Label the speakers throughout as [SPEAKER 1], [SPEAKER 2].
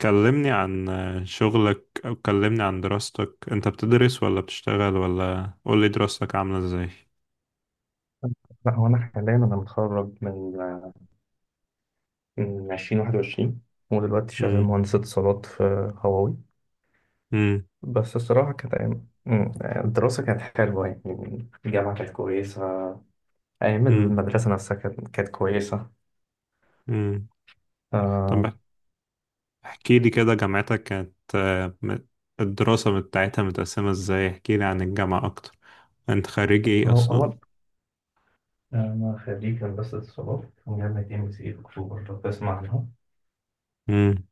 [SPEAKER 1] كلمني عن شغلك، أو كلمني عن دراستك. أنت بتدرس ولا بتشتغل؟ ولا قولي دراستك عاملة إزاي؟
[SPEAKER 2] لا هو انا حاليا متخرج من 2021. ودلوقتي شغال
[SPEAKER 1] مم.
[SPEAKER 2] مهندس اتصالات في هواوي.
[SPEAKER 1] مم.
[SPEAKER 2] بس الصراحة كانت أيام الدراسة كانت حلوة، يعني الجامعة كانت كويسة. أيام
[SPEAKER 1] مم.
[SPEAKER 2] المدرسة نفسها كانت كويسة.
[SPEAKER 1] مم.
[SPEAKER 2] آه.
[SPEAKER 1] طب احكي لي كده، جامعتك كانت الدراسة بتاعتها متقسمة إزاي؟ احكي لي عن الجامعة أكتر. أنت خريج إيه
[SPEAKER 2] هو
[SPEAKER 1] أصلا؟
[SPEAKER 2] هو أنا خريج هندسة اتصالات من جامعة ام سي أكتوبر، لو تسمع عنها.
[SPEAKER 1] مم.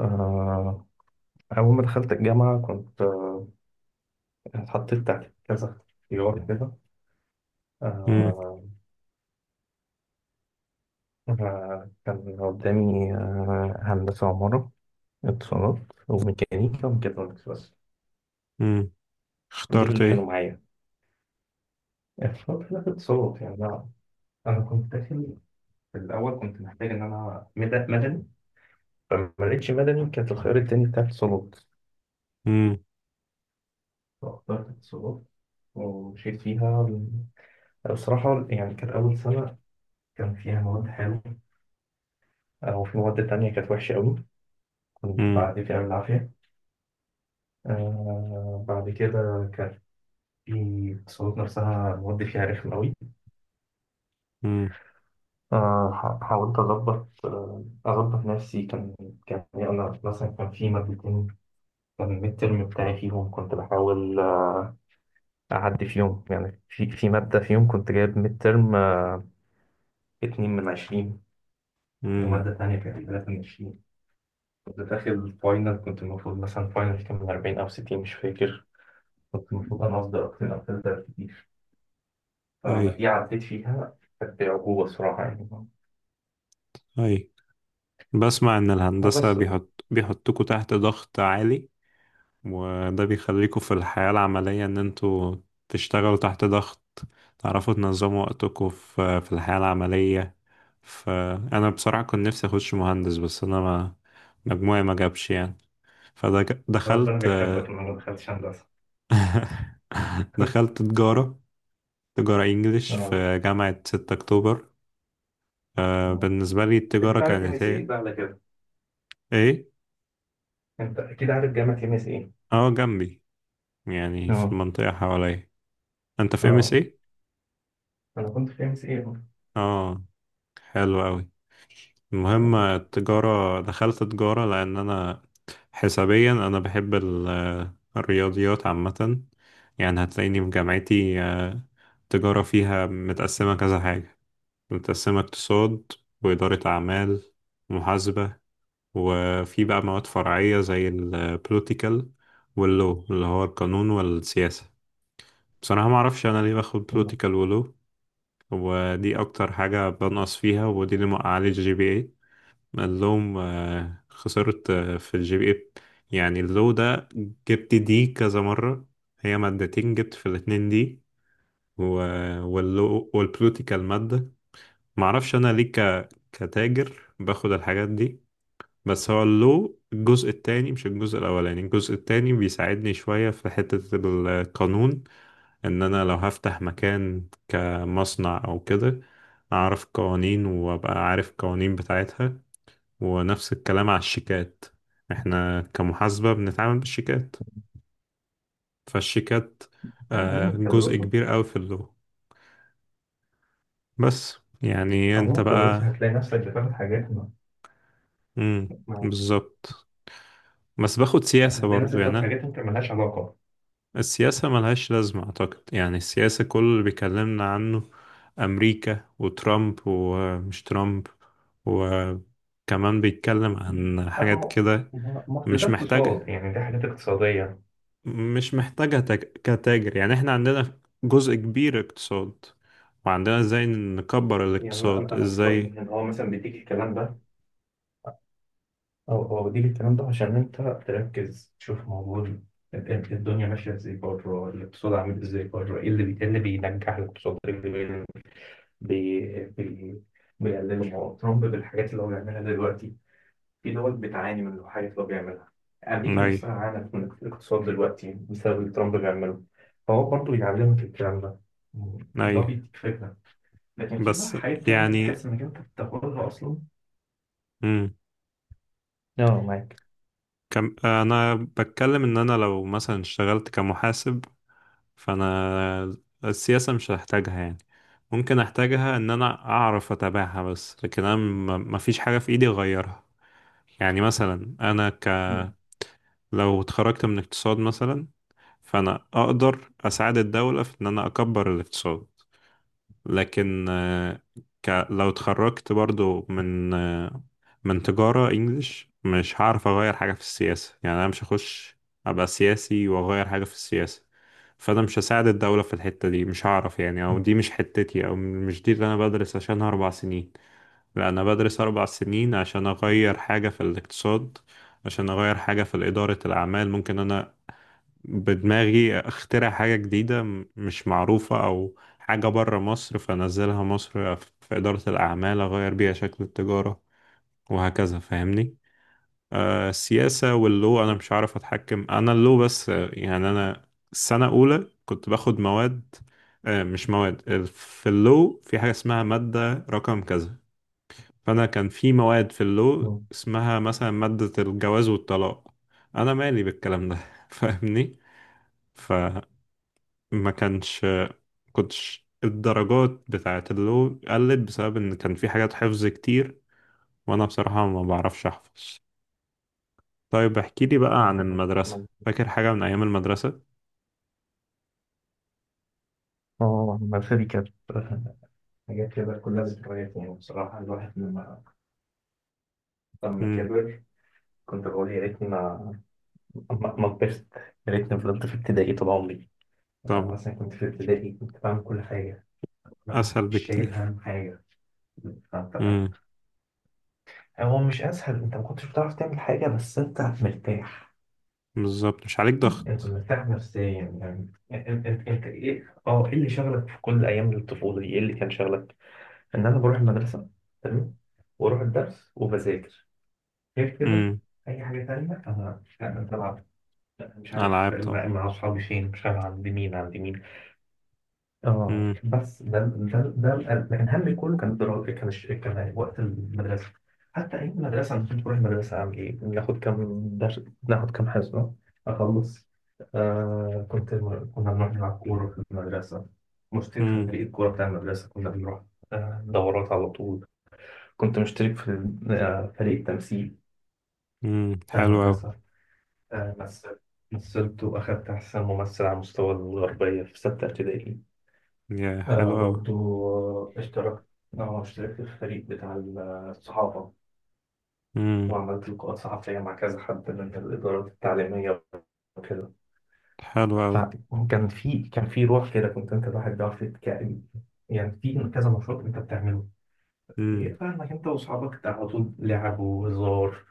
[SPEAKER 2] آه، أول ما دخلت الجامعة كنت اتحطيت تحت كذا اختيار كده.
[SPEAKER 1] مم.
[SPEAKER 2] آه، أنا كان قدامي هندسة عمارة، اتصالات، وميكانيكا وميكاترونكس بس.
[SPEAKER 1] مم.
[SPEAKER 2] دول
[SPEAKER 1] اخترت
[SPEAKER 2] اللي كانوا
[SPEAKER 1] إيه؟
[SPEAKER 2] معايا. اتصالات، لا، اتصالات يعني أنا، كنت داخل في الأول كنت محتاج إن أنا مدني، فما لقيتش مدني، كانت الخيار التاني بتاع اتصالات.
[SPEAKER 1] مم.
[SPEAKER 2] فاخترت اتصالات ومشيت فيها. بصراحة يعني كانت أول سنة كان فيها مواد حلوة، أو في مواد تانية كانت وحشة أوي، كنت
[SPEAKER 1] مم.
[SPEAKER 2] بعدي فيها بالعافية. آه بعد كده، في الصعود نفسها مودي فيها رخم أوي.
[SPEAKER 1] مم.
[SPEAKER 2] حاولت أظبط، أظبط نفسي. كان يعني أنا مثلا كان في مادتين، كان الميد ترم بتاعي فيهم كنت بحاول أعدي فيهم، يعني في مادة فيهم كنت جايب ميد ترم 2 من 20،
[SPEAKER 1] مم.
[SPEAKER 2] ومادة تانية كانت 3 من 20. كنت داخل فاينل، كنت المفروض مثلا فاينل كان من 40 أو 60 مش فاكر. كنت المفروض أنا أصدر أكتر، أو 3 كتير. فأنا
[SPEAKER 1] أي،
[SPEAKER 2] دي عديت فيها كانت بعجوبة الصراحة يعني.
[SPEAKER 1] أي. بسمع إن الهندسة
[SPEAKER 2] بس
[SPEAKER 1] بيحطكوا تحت ضغط عالي، وده بيخليكوا في الحياة العملية إن انتوا تشتغلوا تحت ضغط، تعرفوا تنظموا وقتكوا في الحياة العملية. فأنا بصراحة كنت نفسي أخش مهندس، بس أنا ما مجموعي ما جابش يعني،
[SPEAKER 2] ربنا
[SPEAKER 1] فدخلت.
[SPEAKER 2] بيحبك لما ما دخلتش هندسة.
[SPEAKER 1] دخلت تجارة، تجارة إنجليش
[SPEAKER 2] اه.
[SPEAKER 1] في جامعة 6 أكتوبر.
[SPEAKER 2] آه.
[SPEAKER 1] بالنسبة لي
[SPEAKER 2] انت
[SPEAKER 1] التجارة
[SPEAKER 2] اكيد عارف ام
[SPEAKER 1] كانت
[SPEAKER 2] اس ايه
[SPEAKER 1] إيه؟
[SPEAKER 2] بقى على كده.
[SPEAKER 1] إيه؟
[SPEAKER 2] انت اكيد عارف جامعه ام اس ايه.
[SPEAKER 1] أه، جنبي، يعني في
[SPEAKER 2] اه.
[SPEAKER 1] المنطقة حواليا. أنت في ام اس
[SPEAKER 2] اه
[SPEAKER 1] ايه؟
[SPEAKER 2] انا كنت في ام اس ايه.
[SPEAKER 1] أه. حلو أوي. المهم التجارة، دخلت تجارة لأن أنا حسابيا، أنا بحب الرياضيات عامة. يعني هتلاقيني في جامعتي، التجارة فيها متقسمة كذا حاجة، متقسمة اقتصاد وإدارة أعمال ومحاسبة. وفي بقى مواد فرعية زي البوليتيكال واللو، اللي هو القانون والسياسة. بصراحة معرفش أنا ليه باخد بوليتيكال ولو، ودي أكتر حاجة بنقص فيها، ودي اللي موقعالي الجي بي. قال لهم خسرت في الجي بي اي. يعني اللو ده جبت دي كذا مرة، هي مادتين جبت في الاتنين دي و... واللو والبلوتيكال مادة. معرفش أنا ليه كتاجر باخد الحاجات دي. بس هو اللو الجزء التاني، مش الجزء الأولاني، الجزء التاني بيساعدني شوية في حتة القانون. إن أنا لو هفتح مكان كمصنع أو كده، أعرف قوانين وأبقى عارف القوانين بتاعتها. ونفس الكلام على الشيكات، احنا كمحاسبة بنتعامل بالشيكات، فالشيكات
[SPEAKER 2] عموما
[SPEAKER 1] جزء
[SPEAKER 2] كدراسه،
[SPEAKER 1] كبير قوي في اللغة. بس يعني انت
[SPEAKER 2] عموما كدراسه
[SPEAKER 1] بقى.
[SPEAKER 2] هتلاقي نفسك بتاخد حاجات ما.
[SPEAKER 1] مم.
[SPEAKER 2] ما-
[SPEAKER 1] بالظبط. بس باخد سياسة
[SPEAKER 2] هتلاقي
[SPEAKER 1] برضو،
[SPEAKER 2] نفسك
[SPEAKER 1] يعني
[SPEAKER 2] بتاخد
[SPEAKER 1] أنا
[SPEAKER 2] حاجات انت مالهاش علاقه.
[SPEAKER 1] السياسة ملهاش لازمة أعتقد. يعني السياسة كل اللي بيكلمنا عنه أمريكا وترامب، ومش ترامب وكمان بيتكلم عن حاجات
[SPEAKER 2] أما
[SPEAKER 1] كده.
[SPEAKER 2] ما أصل ده
[SPEAKER 1] مش
[SPEAKER 2] اقتصاد،
[SPEAKER 1] محتاجة،
[SPEAKER 2] يعني ده حاجات اقتصاديه.
[SPEAKER 1] مش محتاجة كتاجر. يعني احنا عندنا جزء كبير اقتصاد، وعندنا ازاي نكبر
[SPEAKER 2] يعني انا
[SPEAKER 1] الاقتصاد
[SPEAKER 2] انا أنا في رايي
[SPEAKER 1] ازاي.
[SPEAKER 2] ان هو مثلا بيديك الكلام ده، أو دي الكلام ده عشان أنت تركز تشوف موجود الدنيا ماشية إزاي بره، الاقتصاد عامل إزاي بره، إيه إيه اللي بينجح الاقتصاد، إيه اللي بي- بي- بيقلله. ما هو ترامب بالحاجات اللي هو بيعملها دلوقتي في دول بتعاني من الحاجات اللي هو بيعملها. أمريكا
[SPEAKER 1] اي،
[SPEAKER 2] نفسها عانت من الاقتصاد دلوقتي بسبب اللي ترامب بيعمله. فهو برضه بيعلمك الكلام ده، اللي
[SPEAKER 1] اي.
[SPEAKER 2] هو بيديك فكرة. لكن في بقى
[SPEAKER 1] بس
[SPEAKER 2] حاجات تانية
[SPEAKER 1] يعني.
[SPEAKER 2] بتحس إنك أنت بتاخدها أصلا.
[SPEAKER 1] مم.
[SPEAKER 2] اه معاك.
[SPEAKER 1] كم انا بتكلم ان انا لو مثلا اشتغلت كمحاسب، فانا السياسة مش هحتاجها يعني. ممكن احتاجها ان انا اعرف اتابعها، بس لكن انا ما فيش حاجة في ايدي اغيرها. يعني مثلا انا
[SPEAKER 2] مم.
[SPEAKER 1] لو اتخرجت من اقتصاد مثلا، فانا اقدر اساعد الدولة في ان انا اكبر الاقتصاد. لكن لو اتخرجت برضو من من تجارة انجليش، مش هعرف اغير حاجة في السياسة. يعني انا مش هخش ابقى سياسي واغير حاجة في السياسة. فانا مش هساعد الدولة في الحتة دي، مش هعرف يعني. او دي مش حتتي، او مش دي اللي انا بدرس عشانها 4 سنين. لا، انا بدرس 4 سنين عشان اغير حاجة في الاقتصاد، عشان اغير حاجة في ادارة الاعمال. ممكن انا بدماغي اخترع حاجة جديدة مش معروفة، او حاجة بره مصر فانزلها مصر في إدارة الأعمال اغير بيها شكل التجارة وهكذا، فاهمني. السياسة واللو انا مش عارف اتحكم. انا اللو بس يعني انا السنة الاولى كنت باخد مواد. مش مواد في اللو في حاجة اسمها مادة رقم كذا. فانا كان في مواد في اللو
[SPEAKER 2] مم.
[SPEAKER 1] اسمها مثلا مادة الجواز والطلاق. انا مالي بالكلام ده. فاهمني. ما كانش كنتش الدرجات بتاعت اللو قلت بسبب ان كان في حاجات حفظ كتير، وانا بصراحة ما بعرفش احفظ. طيب احكي لي بقى
[SPEAKER 2] اه
[SPEAKER 1] عن المدرسة،
[SPEAKER 2] مظبوط.
[SPEAKER 1] فاكر حاجة من ايام المدرسة؟
[SPEAKER 2] آه، المدرسة دي كانت آه، حاجات كده كلها ذكريات يعني. بصراحة الواحد لما، لما
[SPEAKER 1] امم.
[SPEAKER 2] كبر، كنت بقول يا ريتني ما كبرت، يا ريتني فضلت في ابتدائي طول عمري. أنا
[SPEAKER 1] طبعا.
[SPEAKER 2] مثلا كنت في ابتدائي كنت بعمل كل حاجة،
[SPEAKER 1] اسهل
[SPEAKER 2] مش شايل
[SPEAKER 1] بكتير.
[SPEAKER 2] هم حاجة. فأنت،
[SPEAKER 1] امم.
[SPEAKER 2] هو مش أسهل، أنت ما كنتش بتعرف تعمل حاجة بس أنت مرتاح.
[SPEAKER 1] بالظبط، مش عليك
[SPEAKER 2] أنت
[SPEAKER 1] ضغط.
[SPEAKER 2] مرتاح نفسيا. يعني أنت إيه اللي شغلك في كل أيام الطفولة دي، إيه اللي كان شغلك؟ ان انا بروح المدرسه، تمام، واروح الدرس وبذاكر. غير كده
[SPEAKER 1] امم.
[SPEAKER 2] اي حاجه تانية انا بلعب، مش
[SPEAKER 1] العاب
[SPEAKER 2] عارف
[SPEAKER 1] طبعا.
[SPEAKER 2] مع اصحابي فين، مش عارف عند مين. اه
[SPEAKER 1] امم.
[SPEAKER 2] بس ده القلب. لكن همي كله كان الدراسه، كان وقت المدرسه. حتى ايام المدرسه انا كنت بروح المدرسه اعمل ايه؟ ناخد كام درس، ناخد كام حصه، اخلص. آه كنت، كنا بنروح نلعب كوره في المدرسه، مشترك في
[SPEAKER 1] امم.
[SPEAKER 2] فريق الكوره بتاع المدرسه كنا بنروح آه، دورات على طول. كنت مشترك في فريق تمثيل
[SPEAKER 1] امم.
[SPEAKER 2] بتاع
[SPEAKER 1] حلو قوي.
[SPEAKER 2] المدرسة. آه، مثل، مثلت وأخدت أحسن ممثل على مستوى الغربية في 6 ابتدائي.
[SPEAKER 1] يا حلو
[SPEAKER 2] آه،
[SPEAKER 1] قوي.
[SPEAKER 2] برضو آه، اشتركت اشتركت في الفريق بتاع الصحافة،
[SPEAKER 1] امم.
[SPEAKER 2] وعملت لقاءات صحفية مع كذا حد من الإدارات التعليمية وكده.
[SPEAKER 1] حلو قوي.
[SPEAKER 2] فكان في، كان في روح كده، كنت أنت الواحد بيعرف يتكائن، يعني في كذا نشاط أنت بتعمله. إيه،
[SPEAKER 1] امم.
[SPEAKER 2] فاهمك، أنت وأصحابك على طول لعب وهزار.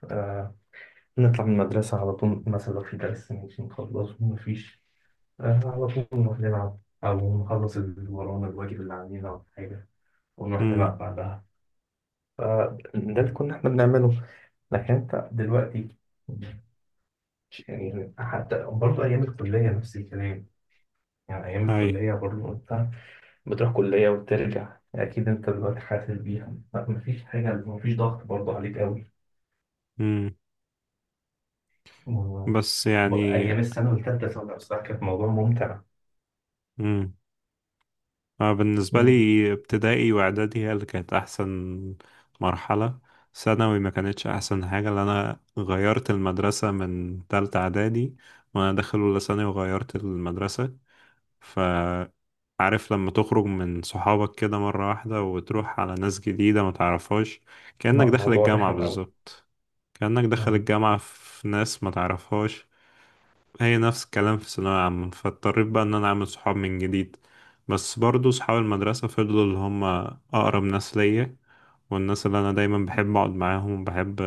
[SPEAKER 2] نطلع من المدرسة على طول، مثلا لو في درس مش نخلصه مفيش، آه، على طول نروح نلعب، أو نخلص اللي ورانا الواجب اللي علينا أو حاجة، ونروح
[SPEAKER 1] امم.
[SPEAKER 2] نلعب بعدها. فده اللي كنا إحنا بنعمله. لكن أنت دلوقتي، يعني حتى برضه أيام الكلية نفس الكلام، يعني أيام
[SPEAKER 1] اي.
[SPEAKER 2] الكلية برضه أنت بتروح كلية وترجع. أكيد أنت دلوقتي حاسس بيها، لا، مفيش حاجة، مفيش ضغط برضه عليك أوي.
[SPEAKER 1] امم. بس
[SPEAKER 2] و-
[SPEAKER 1] يعني.
[SPEAKER 2] أيام السنة والتالتة سنة بصراحة كانت موضوع ممتع.
[SPEAKER 1] أنا بالنسبة لي، ابتدائي وإعدادي هي اللي كانت أحسن مرحلة. ثانوي ما كانتش أحسن حاجة، لأن أنا غيرت المدرسة من تالتة إعدادي، وأنا داخل أولى ثانوي وغيرت المدرسة. فعارف لما تخرج من صحابك كده مرة واحدة، وتروح على ناس جديدة ما تعرفهاش، كأنك داخل
[SPEAKER 2] موضوع
[SPEAKER 1] الجامعة
[SPEAKER 2] رخم قوي.
[SPEAKER 1] بالظبط. كأنك داخل
[SPEAKER 2] اه.
[SPEAKER 1] الجامعة في ناس ما تعرفهاش. هي نفس الكلام في ثانوية عامة، فاضطريت بقى إن أنا أعمل صحاب من جديد. بس برضو صحاب المدرسة فضلوا اللي هم أقرب ناس ليا، والناس اللي أنا دايما بحب أقعد معاهم وبحب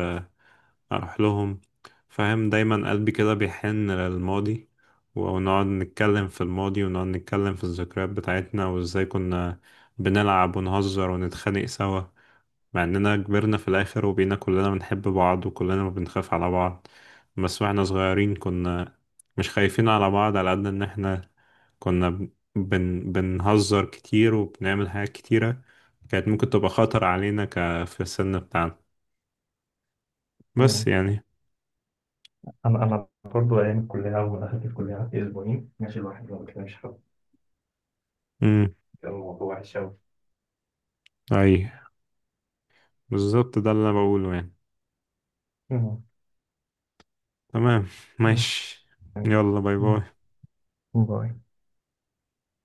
[SPEAKER 1] أروح لهم، فاهم؟ دايما قلبي كده بيحن للماضي. ونقعد نتكلم في الماضي، ونقعد نتكلم في الذكريات بتاعتنا وإزاي كنا بنلعب ونهزر ونتخانق سوا. مع اننا كبرنا في الاخر وبقينا كلنا بنحب بعض وكلنا بنخاف على بعض. بس واحنا صغيرين كنا مش خايفين على بعض، على قد ان احنا كنا بنهزر كتير وبنعمل حاجات كتيرة كانت ممكن تبقى خطر علينا في السن بتاعنا.
[SPEAKER 2] م.
[SPEAKER 1] بس يعني.
[SPEAKER 2] انا برضو ايام الكليه، اول ما دخلت الكليه قعدت 2 اسابيع ماشي الواحد ما بيكلمش حد،
[SPEAKER 1] امم.
[SPEAKER 2] كان الموضوع وحش قوي.
[SPEAKER 1] اي، بالظبط ده اللي انا بقوله يعني.
[SPEAKER 2] م.
[SPEAKER 1] تمام. ماشي.
[SPEAKER 2] م.
[SPEAKER 1] يلا باي باي.
[SPEAKER 2] م. باي.